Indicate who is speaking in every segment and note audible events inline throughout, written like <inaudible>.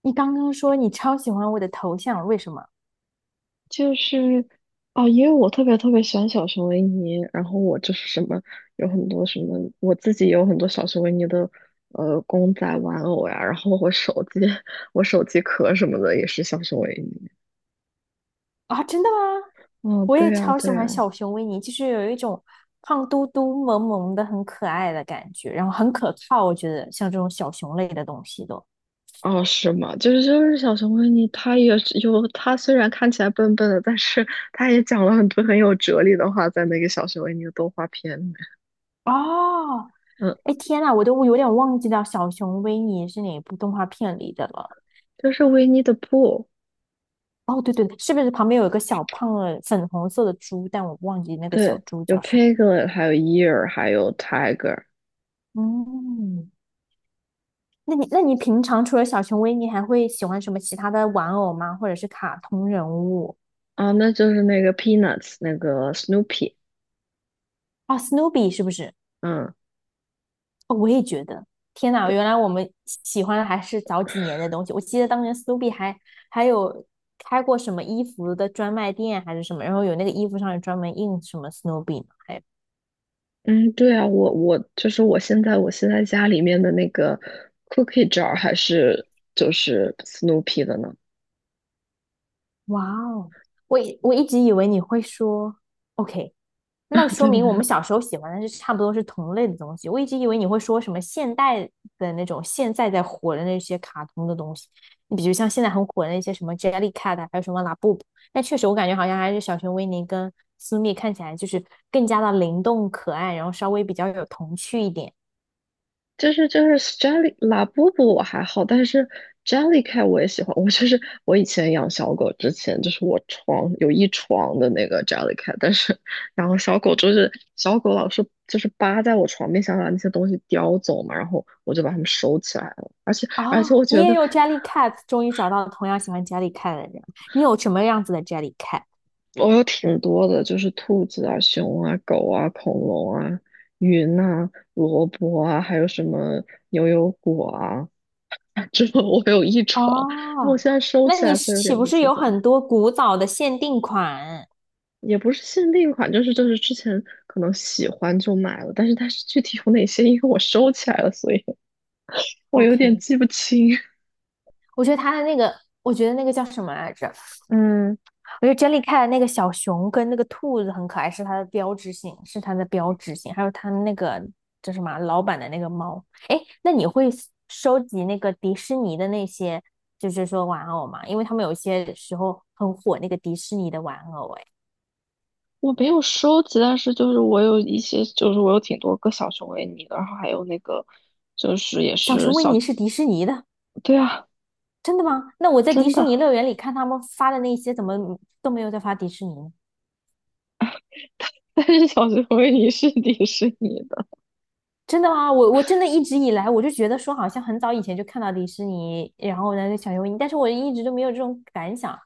Speaker 1: 你刚刚说你超喜欢我的头像，为什么
Speaker 2: 就是哦，因为我特别特别喜欢小熊维尼，然后我就是什么有很多什么，我自己有很多小熊维尼的公仔玩偶呀，然后我手机 <laughs> 我手机壳什么的也是小熊维尼。
Speaker 1: 啊？真的吗？
Speaker 2: 哦，
Speaker 1: 我也
Speaker 2: 对呀，
Speaker 1: 超喜
Speaker 2: 对
Speaker 1: 欢
Speaker 2: 呀。
Speaker 1: 小熊维尼，就是有一种胖嘟嘟、萌萌的、很可爱的感觉，然后很可靠。我觉得像这种小熊类的东西都
Speaker 2: 哦，是吗？就是小熊维尼，他也是有他虽然看起来笨笨的，但是他也讲了很多很有哲理的话，在那个小熊维尼的动画片里。
Speaker 1: 哦，
Speaker 2: 嗯。
Speaker 1: 哎天呐，我都有点忘记掉小熊维尼是哪部动画片里的了。
Speaker 2: 就是维尼的布。
Speaker 1: 哦，对对对，是不是旁边有一个小胖的粉红色的猪？但我忘记那个小
Speaker 2: 对，
Speaker 1: 猪
Speaker 2: 有
Speaker 1: 叫什么。
Speaker 2: Piglet，还有 Ear,还有 Tiger。
Speaker 1: 嗯，那你平常除了小熊维尼，还会喜欢什么其他的玩偶吗？或者是卡通人物？
Speaker 2: 啊，那就是那个 Peanuts 那个 Snoopy。
Speaker 1: 哦，Snoopy 是不是？
Speaker 2: 嗯，
Speaker 1: 哦，我也觉得。天哪，
Speaker 2: 对。
Speaker 1: 原来我们喜欢的还是早几年的东西。我记得当年 Snoopy 还有开过什么衣服的专卖店还是什么，然后有那个衣服上有专门印什么 Snoopy 呢？还有，
Speaker 2: 嗯，对啊，我现在家里面的那个 cookie jar 还是就是 Snoopy 的呢。
Speaker 1: 哇哦，我一直以为你会说 OK，那说明我
Speaker 2: <laughs>
Speaker 1: 们小时候喜欢的是差不多是同类的东西。我一直以为你会说什么现代的那种现在在火的那些卡通的东西，你比如像现在很火的那些什么 Jellycat，啊还有什么拉布布。但确实我感觉好像还是小熊维尼跟苏蜜看起来就是更加的灵动可爱，然后稍微比较有童趣一点。
Speaker 2: 就是 Jelly 拉布布我还好，但是 Jellycat 我也喜欢。我就是我以前养小狗之前，就是我床有一床的那个 Jellycat，然后小狗老是就是扒在我床边，想把那些东西叼走嘛，然后我就把它们收起来了。而且
Speaker 1: 啊。
Speaker 2: 而且我
Speaker 1: 你
Speaker 2: 觉
Speaker 1: 也
Speaker 2: 得
Speaker 1: 有 Jellycat，终于找到同样喜欢 Jellycat 的人。你有什么样子的 Jellycat？
Speaker 2: 我有挺多的，就是兔子啊、熊啊、狗啊、恐龙啊、云啊、萝卜啊，还有什么牛油果啊。<laughs> 之后我有一床，那我
Speaker 1: 哦，
Speaker 2: 现在收
Speaker 1: 那
Speaker 2: 起
Speaker 1: 你
Speaker 2: 来，所以有
Speaker 1: 岂
Speaker 2: 点
Speaker 1: 不
Speaker 2: 不
Speaker 1: 是
Speaker 2: 记
Speaker 1: 有
Speaker 2: 得。
Speaker 1: 很多古早的限定款
Speaker 2: 也不是限定款，就是之前可能喜欢就买了，但是它是具体有哪些，因为我收起来了，所以我有点
Speaker 1: ？OK，
Speaker 2: 记不清。<laughs>
Speaker 1: 我觉得他的那个，我觉得那个叫什么来着？嗯，我觉得 j e 珍妮开的那个小熊跟那个兔子很可爱，是它的标志性，是它的标志性。还有它那个叫什么啊老板的那个猫。哎，那你会收集那个迪士尼的那些，就是说玩偶吗？因为他们有些时候很火那个迪士尼的玩偶。哎，
Speaker 2: 我没有收集，但是就是我有一些，就是我有挺多个小熊维尼的，然后还有那个就是也
Speaker 1: 小
Speaker 2: 是
Speaker 1: 熊维
Speaker 2: 小。
Speaker 1: 尼是迪士尼的，
Speaker 2: 对啊，
Speaker 1: 真的吗？那我在迪
Speaker 2: 真
Speaker 1: 士尼
Speaker 2: 的。
Speaker 1: 乐园里看他们发的那些，怎么都没有在发迪士尼呢？
Speaker 2: <laughs> 但是小熊维尼是 <laughs> 迪士尼的。
Speaker 1: 真的吗？我真的一直以来我就觉得说，好像很早以前就看到迪士尼，然后呢小熊维尼，但是我一直都没有这种感想，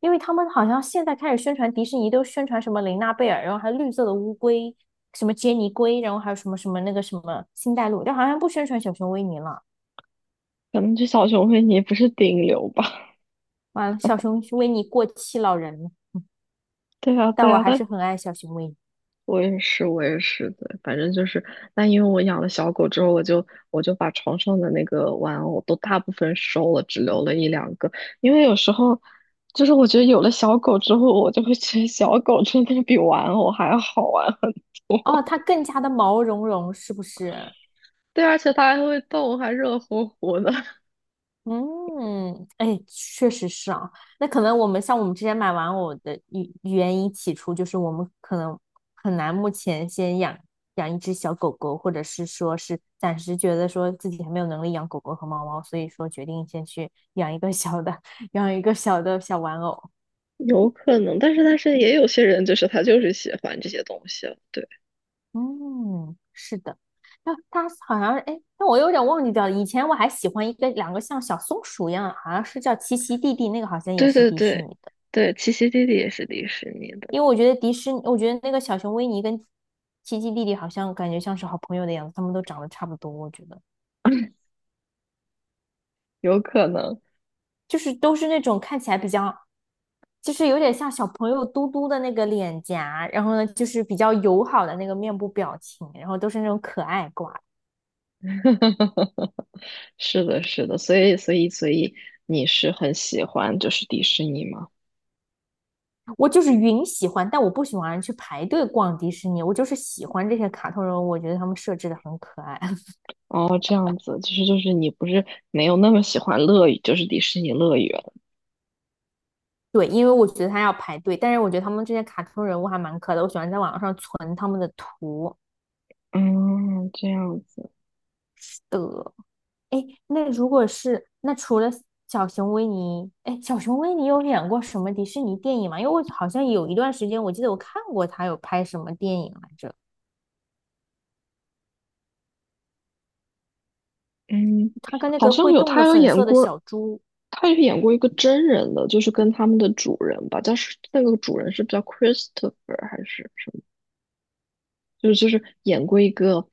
Speaker 1: 因为他们好像现在开始宣传迪士尼，都宣传什么玲娜贝尔，然后还有绿色的乌龟，什么杰尼龟，然后还有什么什么那个什么星黛露，但好像不宣传小熊维尼了。
Speaker 2: 可能这小熊维尼不是顶流吧？
Speaker 1: 完了，小熊维尼过气老人了，
Speaker 2: <laughs> 对啊，
Speaker 1: 但
Speaker 2: 对
Speaker 1: 我
Speaker 2: 啊。
Speaker 1: 还
Speaker 2: 但
Speaker 1: 是很爱小熊维尼。
Speaker 2: 我也是，我也是，对，反正就是，那因为我养了小狗之后，我就把床上的那个玩偶都大部分收了，只留了一两个。因为有时候，就是我觉得有了小狗之后，我就会觉得小狗真的比玩偶还要好玩。<laughs>
Speaker 1: 哦，它更加的毛茸茸，是不是？
Speaker 2: 对，而且它还会动，还热乎乎的。<laughs>
Speaker 1: 嗯，哎，确实是啊。那可能我们像我们之前买玩偶的原因起初就是我们可能很难目前先养一只小狗狗，或者是说是暂时觉得说自己还没有能力养狗狗和猫猫，所以说决定先去 <laughs> 养一个小的，<laughs> 养一个小的小玩偶。
Speaker 2: 有可能，但是也有些人就是他就是喜欢这些东西了。对。
Speaker 1: 嗯，是的。那它好像是哎，但我有点忘记掉了。以前我还喜欢一个两个像小松鼠一样，好像是叫奇奇弟弟，那个好像也
Speaker 2: 对
Speaker 1: 是
Speaker 2: 对
Speaker 1: 迪士尼
Speaker 2: 对
Speaker 1: 的。
Speaker 2: 对，七奇弟弟也是迪士尼的。
Speaker 1: 因为我觉得迪士尼，我觉得那个小熊维尼跟奇奇弟弟好像感觉像是好朋友的样子，他们都长得差不多，我觉得
Speaker 2: 有可能。
Speaker 1: 就是都是那种看起来比较，就是有点像小朋友嘟嘟的那个脸颊，然后呢就是比较友好的那个面部表情，然后都是那种可爱挂。
Speaker 2: <laughs> 是的，是的。所以你是很喜欢就是迪士尼吗？
Speaker 1: 我就是云喜欢，但我不喜欢去排队逛迪士尼，我就是喜欢这些卡通人物，我觉得他们设置的很可爱。<laughs>
Speaker 2: 哦，这样子，就是你不是没有那么喜欢乐园，就是迪士尼乐园。
Speaker 1: 对，因为我觉得他要排队，但是我觉得他们这些卡通人物还蛮可爱的，我喜欢在网上存他们的图。
Speaker 2: 嗯，这样子。
Speaker 1: 是的。哎，那如果是那除了小熊维尼，哎，小熊维尼有演过什么迪士尼电影吗？因为我好像有一段时间，我记得我看过他有拍什么电影来着。
Speaker 2: 嗯，
Speaker 1: 他跟那
Speaker 2: 好
Speaker 1: 个
Speaker 2: 像
Speaker 1: 会
Speaker 2: 有，
Speaker 1: 动
Speaker 2: 他
Speaker 1: 的
Speaker 2: 有
Speaker 1: 粉
Speaker 2: 演
Speaker 1: 色的
Speaker 2: 过。
Speaker 1: 小猪，
Speaker 2: 他有演过一个真人的，就是跟他们的主人吧，但是那个主人是不是叫 Christopher 还是？就是就是演过一个，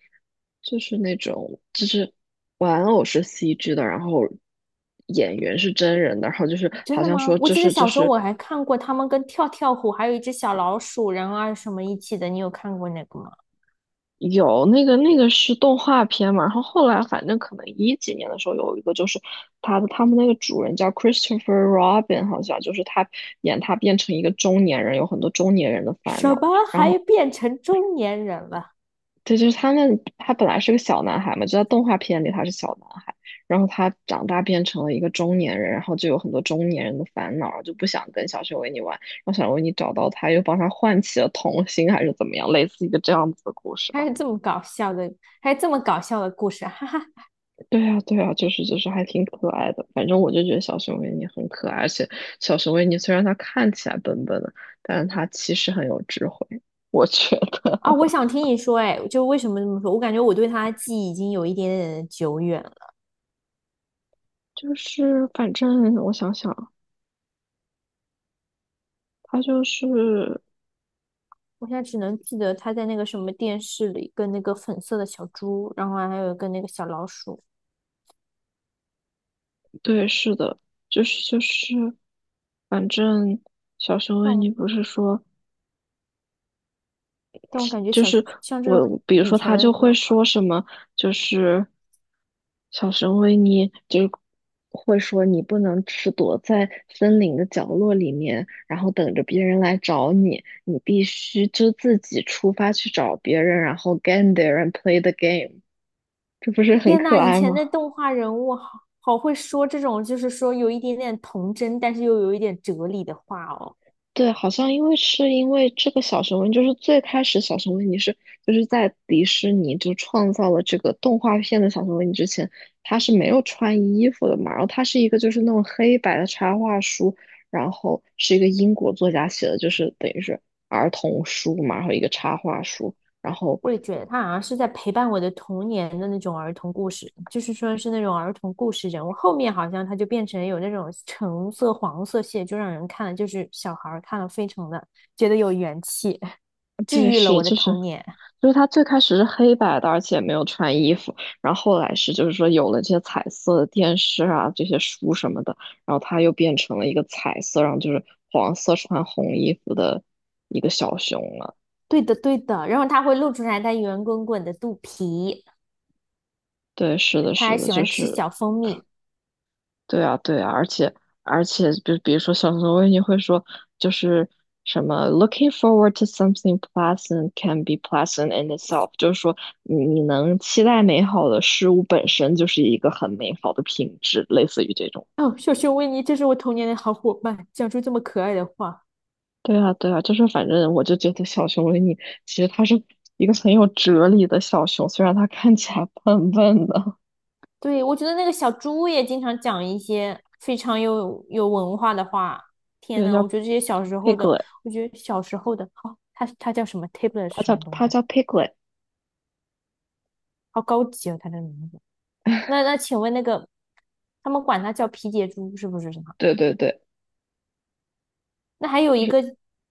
Speaker 2: 就是那种就是玩偶是 CG 的，然后演员是真人的，然后就是
Speaker 1: 真
Speaker 2: 好
Speaker 1: 的
Speaker 2: 像
Speaker 1: 吗？
Speaker 2: 说
Speaker 1: 我
Speaker 2: 这
Speaker 1: 记得
Speaker 2: 是这
Speaker 1: 小时候
Speaker 2: 是
Speaker 1: 我还看过他们跟跳跳虎还有一只小老鼠然人啊什么一起的，你有看过那个吗？
Speaker 2: 有，那个那个是动画片嘛，然后后来反正可能一几年的时候有一个，就是他们那个主人叫 Christopher Robin，好像就是他演他变成一个中年人，有很多中年人的烦
Speaker 1: 什
Speaker 2: 恼，
Speaker 1: 么
Speaker 2: 然
Speaker 1: 还
Speaker 2: 后
Speaker 1: 变成中年人了？
Speaker 2: 对，就是他们，他本来是个小男孩嘛，就在动画片里他是小男孩，然后他长大变成了一个中年人，然后就有很多中年人的烦恼，就不想跟小熊维尼玩，然后小熊维尼找到他，又帮他唤起了童心，还是怎么样，类似一个这样子的故事
Speaker 1: 还
Speaker 2: 吧。
Speaker 1: 有这么搞笑的，还有这么搞笑的故事，哈哈
Speaker 2: 对啊，对啊，还挺可爱的，反正我就觉得小熊维尼很可爱，而且小熊维尼虽然他看起来笨笨的，但是他其实很有智慧，我觉得。
Speaker 1: 啊，
Speaker 2: <laughs>
Speaker 1: 我想听你说，哎，就为什么这么说？我感觉我对他的记忆已经有一点点的久远了，
Speaker 2: 就是反正我想想，他就是。
Speaker 1: 我现在只能记得他在那个什么电视里跟那个粉色的小猪，然后还有跟那个小老鼠。
Speaker 2: 对，是的，就是就是，反正小熊
Speaker 1: 但
Speaker 2: 维
Speaker 1: 我
Speaker 2: 尼不是说，
Speaker 1: 但我感觉
Speaker 2: 就
Speaker 1: 小
Speaker 2: 是
Speaker 1: 像这种
Speaker 2: 我，比如
Speaker 1: 以
Speaker 2: 说
Speaker 1: 前
Speaker 2: 他
Speaker 1: 的
Speaker 2: 就会
Speaker 1: 人画，
Speaker 2: 说什么，就是小熊维尼就会说你不能只躲在森林的角落里面，然后等着别人来找你，你必须就自己出发去找别人，然后 get there and play the game，这不是很
Speaker 1: 天
Speaker 2: 可
Speaker 1: 呐，以
Speaker 2: 爱
Speaker 1: 前
Speaker 2: 吗？
Speaker 1: 的动画人物好会说这种，就是说有一点点童真，但是又有一点哲理的话哦。
Speaker 2: 对，好像因为是因为这个小熊维尼，就是最开始小熊维尼是就是在迪士尼就创造了这个动画片的小熊维尼之前，他是没有穿衣服的嘛，然后他是一个就是那种黑白的插画书，然后是一个英国作家写的，就是等于是儿童书嘛，然后一个插画书，然后
Speaker 1: 我也觉得他好像是在陪伴我的童年的那种儿童故事，就是说是那种儿童故事人物。后面好像他就变成有那种橙色、黄色系，就让人看了就是小孩儿看了非常的觉得有元气，治
Speaker 2: 对，
Speaker 1: 愈了
Speaker 2: 是
Speaker 1: 我的
Speaker 2: 就是，
Speaker 1: 童年。
Speaker 2: 就是他最开始是黑白的，而且没有穿衣服，然后后来是就是说有了这些彩色的电视啊，这些书什么的，然后他又变成了一个彩色，然后就是黄色穿红衣服的一个小熊了。
Speaker 1: 对的，对的。然后他会露出来他圆滚滚的肚皮，
Speaker 2: 对，是的，
Speaker 1: 他
Speaker 2: 是
Speaker 1: 还
Speaker 2: 的，
Speaker 1: 喜
Speaker 2: 就
Speaker 1: 欢吃
Speaker 2: 是
Speaker 1: 小蜂蜜。
Speaker 2: 对啊，对啊，而且，就比如说小熊维尼会说，就是什么 "looking forward to something pleasant can be pleasant in itself"，就是说你能期待美好的事物本身就是一个很美好的品质，类似于这种。
Speaker 1: 哦，小熊维尼，这是我童年的好伙伴，讲出这么可爱的话。
Speaker 2: 对啊，对啊，就是反正我就觉得小熊维尼其实他是一个很有哲理的小熊，虽然他看起来 <laughs> 笨笨的。
Speaker 1: 对，我觉得那个小猪也经常讲一些非常有文化的话。天
Speaker 2: 对，
Speaker 1: 呐，我
Speaker 2: 叫
Speaker 1: 觉得这些小时候的，
Speaker 2: Piglet，
Speaker 1: 我觉得小时候的，好、哦他叫什么？tablet
Speaker 2: 他
Speaker 1: 是什
Speaker 2: 叫
Speaker 1: 么东
Speaker 2: 他
Speaker 1: 东？
Speaker 2: 叫 Piglet。
Speaker 1: 好高级哦，它的名字。那请问那个，他们管他叫皮杰猪是不是什么？
Speaker 2: 对对对。
Speaker 1: 那还有一个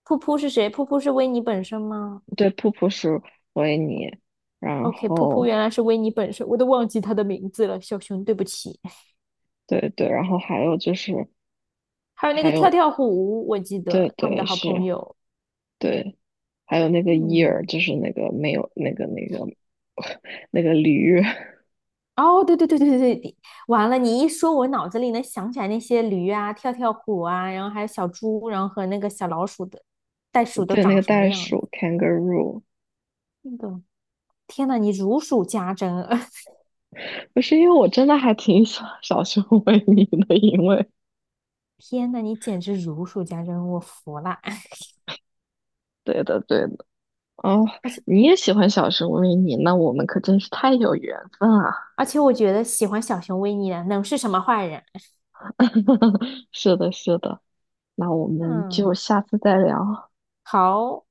Speaker 1: 噗噗是谁？噗噗是维尼本身吗
Speaker 2: 对，瀑布是维尼。然
Speaker 1: ？OK，噗噗原
Speaker 2: 后
Speaker 1: 来是维尼本身，我都忘记他的名字了，小熊，对不起。
Speaker 2: 对对，然后还有就是
Speaker 1: 还有那
Speaker 2: 还
Speaker 1: 个跳
Speaker 2: 有
Speaker 1: 跳虎，我记
Speaker 2: 对
Speaker 1: 得他们的
Speaker 2: 对
Speaker 1: 好朋
Speaker 2: 是，
Speaker 1: 友，
Speaker 2: 对，还有那个伊尔，
Speaker 1: 嗯。
Speaker 2: 就是那个没有那个那个 <laughs> 那个驴。
Speaker 1: 哦，对对对对对对，你完了！你一说，我脑子里能想起来那些驴啊、跳跳虎啊，然后还有小猪，然后和那个小老鼠的袋鼠
Speaker 2: <laughs>
Speaker 1: 都
Speaker 2: 对，那
Speaker 1: 长
Speaker 2: 个
Speaker 1: 什么
Speaker 2: 袋
Speaker 1: 样子。
Speaker 2: 鼠 kangaroo。
Speaker 1: 那个，天呐，你如数家珍！<laughs>
Speaker 2: 不是因为我真的还挺喜欢小熊维尼的，因为
Speaker 1: 天呐，你简直如数家珍，我服了。<laughs>
Speaker 2: 对的对的。哦，
Speaker 1: 而且
Speaker 2: 你也喜欢小熊维尼，那我们可真是太有缘分啊！
Speaker 1: 而且，我觉得喜欢小熊维尼的能是什么坏人？
Speaker 2: <laughs> 是的是的，那我
Speaker 1: <laughs>
Speaker 2: 们就
Speaker 1: 嗯，
Speaker 2: 下次再聊。
Speaker 1: 好。